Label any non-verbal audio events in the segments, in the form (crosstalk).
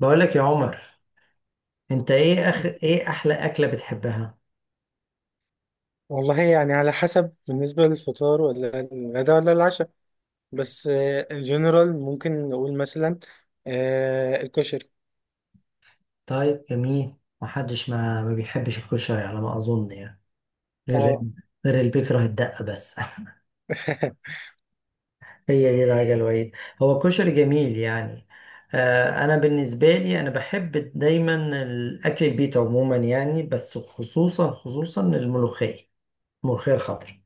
بقول لك يا عمر، انت ايه اخ، ايه احلى اكله بتحبها؟ والله يعني على حسب بالنسبة للفطار ولا الغداء ولا العشاء. بس الجنرال ممكن نقول مثلا الكشري. طيب جميل. محدش ما بيحبش الكشري على ما اظن يعني، غير اه. غير اللي بيكره الدقه بس. (laughs) (laughs) هي دي الحاجه الوحيده. هو كشري جميل يعني. آه انا بالنسبه لي انا بحب دايما الاكل البيت عموما يعني، بس خصوصا خصوصا الملوخيه الخضراء.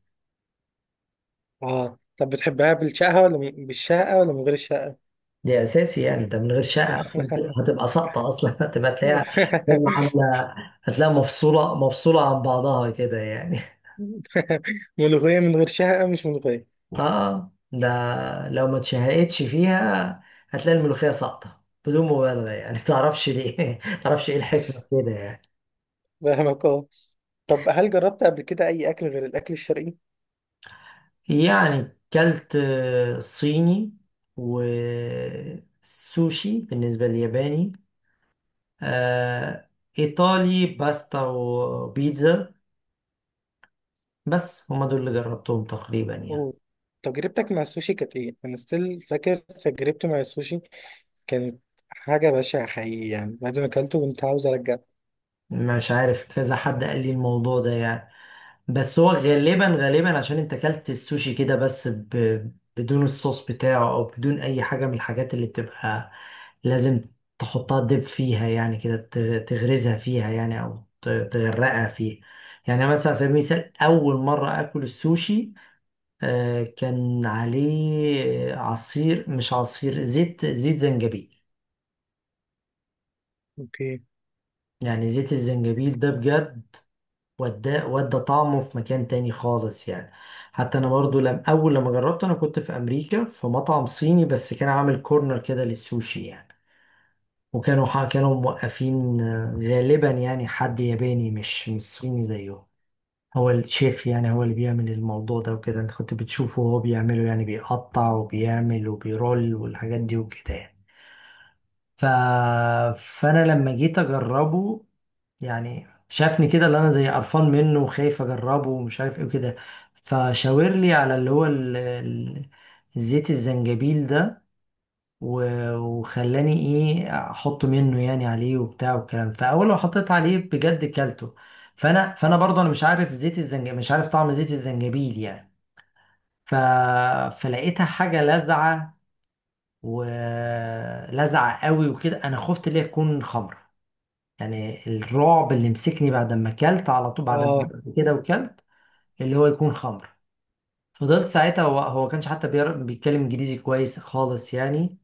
اه، طب بتحبها بالشقة ولا بالشقة ولا من غير الشقة؟ دي اساسي، يعني انت من غير شقه اصلا (laughs) هتبقى ساقطه اصلا. (laughs) هتبقى تلاقيها عامله، هتلاقيها مفصوله عن بعضها كده يعني. ملوخية من غير شقة مش ملوخية. اه ده لو ما اتشهقتش فيها هتلاقي الملوخيه ساقطه بدون مبالغه يعني. (laughs) تعرفش ليه؟ تعرفش ايه الحكمه في كده يعني؟ فاهمك اه. طب هل جربت قبل كده أي أكل غير الأكل الشرقي؟ يعني كلت صيني، وسوشي بالنسبه للياباني، آه، ايطالي باستا وبيتزا. بس هما دول اللي جربتهم تقريبا يعني. أوه. تجربتك مع السوشي كانت إيه؟ أنا ستيل فاكر تجربتي مع السوشي كانت حاجة بشعة حقيقي يعني بعد ما أكلته كنت عاوز أرجع. مش عارف، كذا حد قال لي الموضوع ده يعني، بس هو غالبا عشان انت اكلت السوشي كده بس بدون الصوص بتاعه، او بدون اي حاجة من الحاجات اللي بتبقى لازم تحطها دب فيها، يعني كده تغرزها فيها يعني، او تغرقها فيها. يعني مثلا على سبيل المثال، اول مرة اكل السوشي كان عليه عصير، مش عصير، زيت، زيت زنجبيل. اوكي. يعني زيت الزنجبيل ده بجد ودى طعمه في مكان تاني خالص يعني. حتى انا برضو لم اول لما جربته، انا كنت في امريكا في مطعم صيني بس كان عامل كورنر كده للسوشي يعني، وكانوا كانوا موقفين غالبا يعني حد ياباني مش صيني زيهم، هو الشيف يعني، هو اللي بيعمل الموضوع ده وكده. انت كنت بتشوفه وهو بيعمله يعني، بيقطع وبيعمل وبيرول والحاجات دي وكده يعني. ف... فانا لما جيت اجربه يعني، شافني كده اللي انا زي قرفان منه وخايف اجربه ومش عارف ايه وكده، فشاور لي على اللي هو زيت الزنجبيل ده، وخلاني ايه احط منه يعني عليه وبتاع والكلام. فاول ما حطيت عليه بجد كلته. فانا برضه انا مش عارف زيت الزنجبيل، مش عارف طعم زيت الزنجبيل يعني. ف... فلقيتها حاجه لاذعه ولزعه قوي وكده. انا خفت ليه تكون خمر يعني. الرعب اللي مسكني بعد ما اكلت على طول، بعد ما آه قلت كده وكلت، اللي هو يكون خمر. فضلت ساعتها، هو ما كانش حتى بيتكلم انجليزي كويس خالص يعني.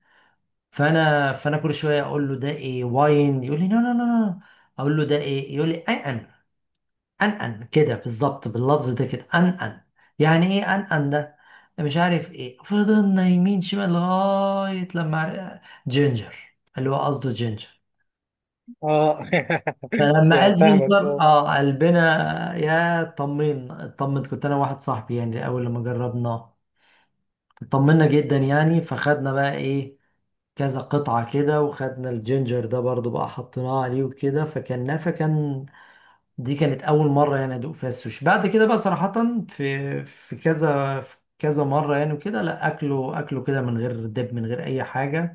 فانا كل شويه اقول له ده ايه، واين يقول لي نو نو نو نو. اقول له ده ايه، يقول لي ان ان، ان ان، كده بالظبط باللفظ ده، كده ان ان. يعني ايه ان ان ده؟ مش عارف ايه. فضلنا يمين شمال لغايه لما جينجر، اللي هو قصده جينجر. آه. (laughs) فلما يعني قال فاهمك زنجر آه. اه قلبنا، يا طمن كنت انا واحد صاحبي يعني. اول لما جربناه طمنا جدا يعني، فخدنا بقى ايه كذا قطعة كده، وخدنا الجينجر ده برضو بقى، حطيناه عليه وكده فكلناه. فكان دي كانت اول مرة يعني ادوق فيها السوشي. بعد كده بقى صراحة في كذا مرة يعني وكده، لا اكله، كده من غير دب من غير اي حاجة.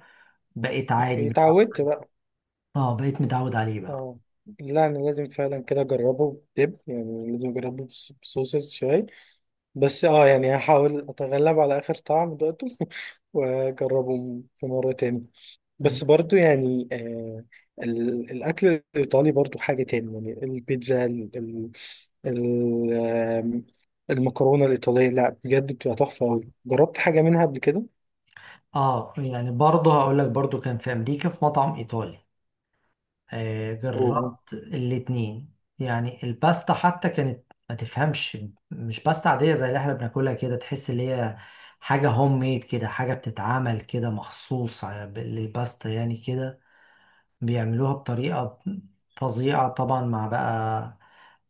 بقيت عادي أوكي، متعود. اتعودت بقى. اه بقيت متعود عليه بقى. آه. لا، أنا لازم فعلا كده أجربه بدب يعني لازم أجربه بصوصز شوية. بس يعني هحاول أتغلب على آخر طعم دقته (laughs) وأجربه في مرة تاني. بس برضو يعني الأكل الإيطالي برضو حاجة تاني يعني البيتزا، ال- المكرونة الإيطالية لا بجد بتبقى تحفة أوي. جربت حاجة منها قبل كده؟ اه يعني برضه هقول لك، برضه كان في امريكا في مطعم ايطالي. آه أوه. جربت الاتنين يعني، الباستا حتى كانت ما تفهمش. مش باستا عادية زي اللي احنا بناكلها كده، تحس اللي هي حاجة هوم ميد كده، حاجة بتتعمل كده مخصوص للباستا يعني كده، بيعملوها بطريقة فظيعة طبعا، مع بقى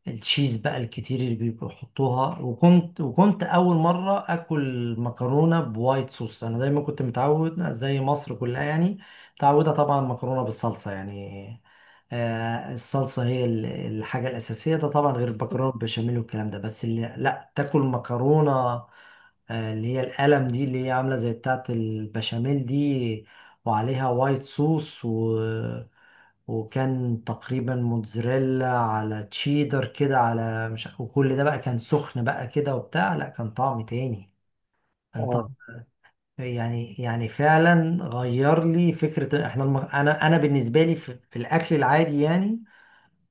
التشيز بقى الكتير اللي بيحطوها. وكنت أول مرة أكل مكرونة بوايت صوص. أنا دايما كنت متعود زي مصر كلها يعني، متعودة طبعا مكرونة بالصلصة يعني. الصلصة هي الحاجة الأساسية، ده طبعا غير المكرونة بالبشاميل والكلام ده. بس اللي لا، تاكل مكرونة اللي هي القلم دي اللي هي عاملة زي بتاعة البشاميل دي، وعليها وايت صوص وكان تقريبا موتزاريلا على تشيدر كده، على مش عارف- وكل ده بقى كان سخن بقى كده وبتاع. لا كان طعم تاني، كان اه طعم يعني يعني فعلا غير لي فكرة. احنا انا بالنسبة لي في، في الاكل العادي يعني،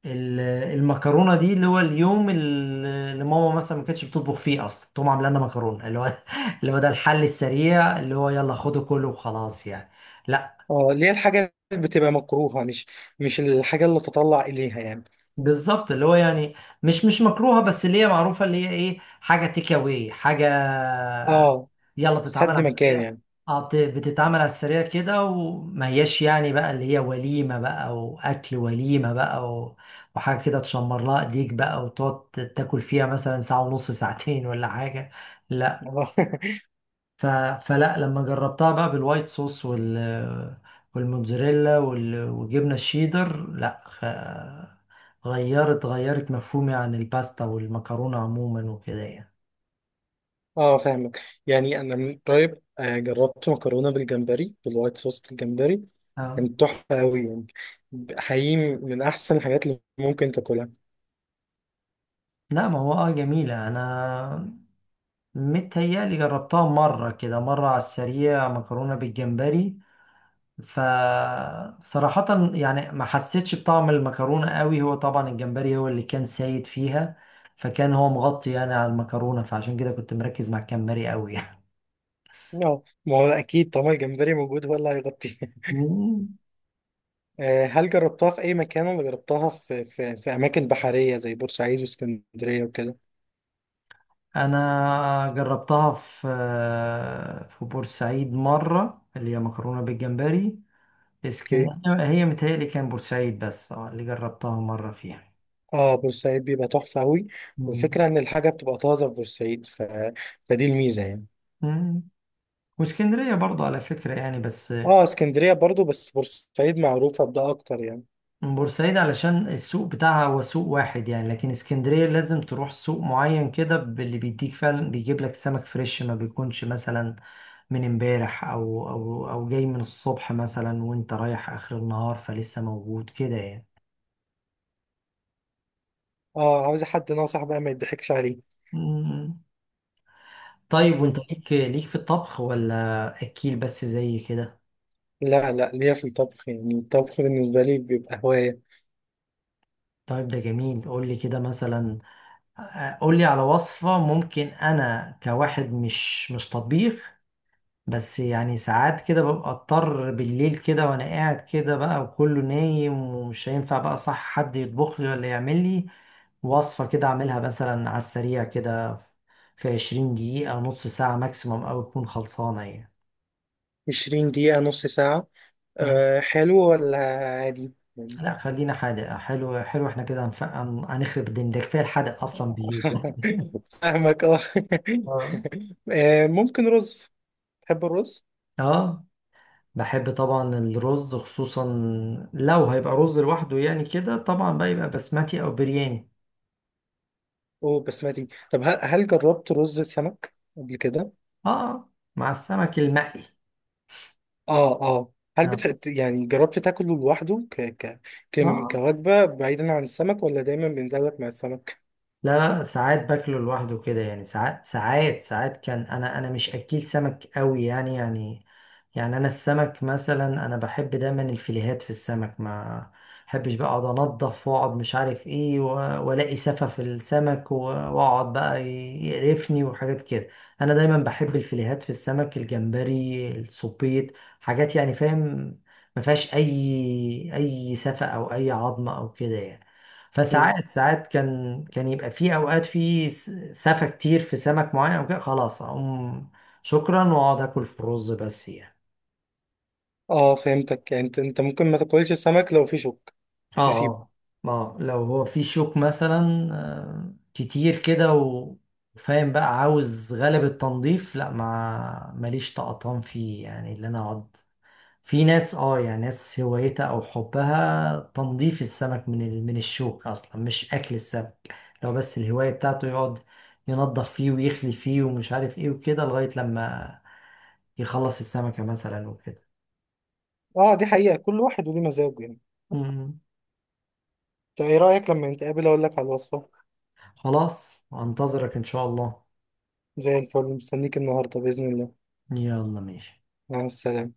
ال- المكرونة دي اللي هو اليوم، اللي ماما مثلا ما كانتش بتطبخ فيه اصلا، تقوم عامله لنا مكرونة اللي هو (laughs) اللي هو ده الحل السريع، اللي هو يلا خده كله وخلاص يعني. لا اه، اللي هي الحاجة اللي بتبقى مكروهة، مش الحاجة اللي تطلع إليها يعني. بالظبط، اللي هو يعني مش مكروهه، بس اللي هي معروفه، اللي هي ايه، حاجه تيك اواي، حاجه اه، يلا بتتعمل سد على مكان السريع. يعني. اه بتتعمل على السريع كده، وما هياش يعني بقى اللي هي وليمه بقى واكل وليمه بقى، وحاجه كده تشمر لها ايديك بقى وتقعد تاكل فيها مثلا ساعه ونص ساعتين ولا حاجه. اه (laughs) ف... فلا لما جربتها بقى بالوايت صوص وال والموتزاريلا وجبنة الشيدر، لا غيرت مفهومي عن الباستا والمكرونة عموما وكده يعني. اه، فاهمك. يعني أنا من قريب جربت مكرونة بالجمبري بالوايت صوص بالجمبري. اه كانت تحفة أوي يعني. حقيقي من أحسن الحاجات اللي ممكن تاكلها. لا ما هو اه جميلة. انا متهيألي جربتها مرة كده، مرة على السريع مكرونة بالجمبري، فصراحة يعني ما حسيتش بطعم المكرونة قوي. هو طبعا الجمبري هو اللي كان سايد فيها، فكان هو مغطي يعني على المكرونة، فعشان كده كنت مركز مع الجمبري قوي يعني. اه، ما هو أكيد طالما الجمبري موجود هو اللي هيغطيه. مم. هل جربتها في أي مكان ولا جربتها في أماكن بحرية زي بورسعيد واسكندرية وكده؟ انا جربتها في في بورسعيد مرة اللي هي مكرونة بالجمبري. اسكن اوكي. هي متهيألي كان بورسعيد، بس اه اللي جربتها مرة فيها. اه، بورسعيد بيبقى تحفة أوي. مم. والفكرة إن الحاجة بتبقى طازة في بورسعيد فدي الميزة يعني. مم. واسكندرية برضو على فكرة يعني، بس اه، اسكندرية برضو بس بورسعيد معروفة بده أكتر يعني. بورسعيد علشان السوق بتاعها هو سوق واحد يعني، لكن اسكندرية لازم تروح سوق معين كده، باللي بيديك فعلا بيجيب لك سمك فريش ما بيكونش مثلا من امبارح او او جاي من الصبح مثلا وانت رايح اخر النهار فلسه موجود كده يعني. اه، عاوز حد ناصح بقى ما يضحكش عليه. مم. طيب وانت مم. ليك في الطبخ ولا اكيل بس زي كده؟ لا لا، ليا في الطبخ يعني الطبخ بالنسبة لي بيبقى هواية. طيب ده جميل، قول لي كده مثلا، قول لي على وصفة، ممكن انا كواحد مش طبيخ بس، يعني ساعات كده ببقى اضطر بالليل كده وانا قاعد كده بقى وكله نايم ومش هينفع بقى صح حد يطبخ لي ولا يعمل لي، وصفة كده اعملها مثلا على السريع كده في 20 دقيقة نص ساعة ماكسيموم او تكون خلصانة يعني. 20 دقيقة نص ساعة. مم. أه، حلو ولا عادي؟ لا خلينا حادق، حلو حلو احنا كده هنخرب الدنيا، ده كفاية الحادق اصلا بالليل. (laughs) فاهمك اه. اه (laughs) ممكن رز. تحب الرز اه بحب طبعا الرز، خصوصا لو هيبقى رز لوحده يعني كده، طبعا بقى يبقى بسمتي او برياني. وبسمتي؟ طب هل جربت رز سمك قبل كده؟ اه مع السمك المقلي. اه اه، هل اه بتحب يعني جربت تاكله لوحده آه. كوجبة بعيدا عن السمك ولا دايما بينزل لك مع السمك؟ لا لا ساعات باكله لوحده كده يعني، ساعات كان انا مش اكيل سمك قوي يعني يعني. يعني انا السمك مثلا انا بحب دايما الفيليهات في السمك، ما بحبش بقى اقعد انضف واقعد مش عارف ايه، والاقي سفة في السمك، واقعد بقى يقرفني وحاجات كده. انا دايما بحب الفيليهات في السمك، الجمبري، السبيط، حاجات يعني فاهم ما فيهاش اي سفة او اي عظمة او كده يعني. مم. فساعات، كان يبقى في اوقات في سفة كتير في سمك معين او كده، خلاص اقوم شكرا واقعد اكل في الرز بس يعني. اه، فهمتك. يعني انت ممكن ما تاكلش السمك لو في شوك اه تسيبه. اه لو هو في شوك مثلا كتير كده، وفاهم بقى عاوز غلب التنظيف، لا ما ماليش طقطان فيه يعني اللي انا اقعد. في ناس اه يعني ناس هوايتها او حبها تنظيف السمك من من الشوك، اصلا مش اكل السمك، لو بس الهواية بتاعته يقعد ينظف فيه ويخلي فيه ومش عارف ايه وكده لغاية لما يخلص السمكة مثلا وكده. اه، دي حقيقة، كل واحد وليه مزاجه يعني. مم. طب ايه رأيك لما نتقابل اقول لك على الوصفة؟ خلاص انتظرك ان شاء الله. زي الفل، مستنيك النهاردة بإذن الله. يلا ماشي. مع السلامة.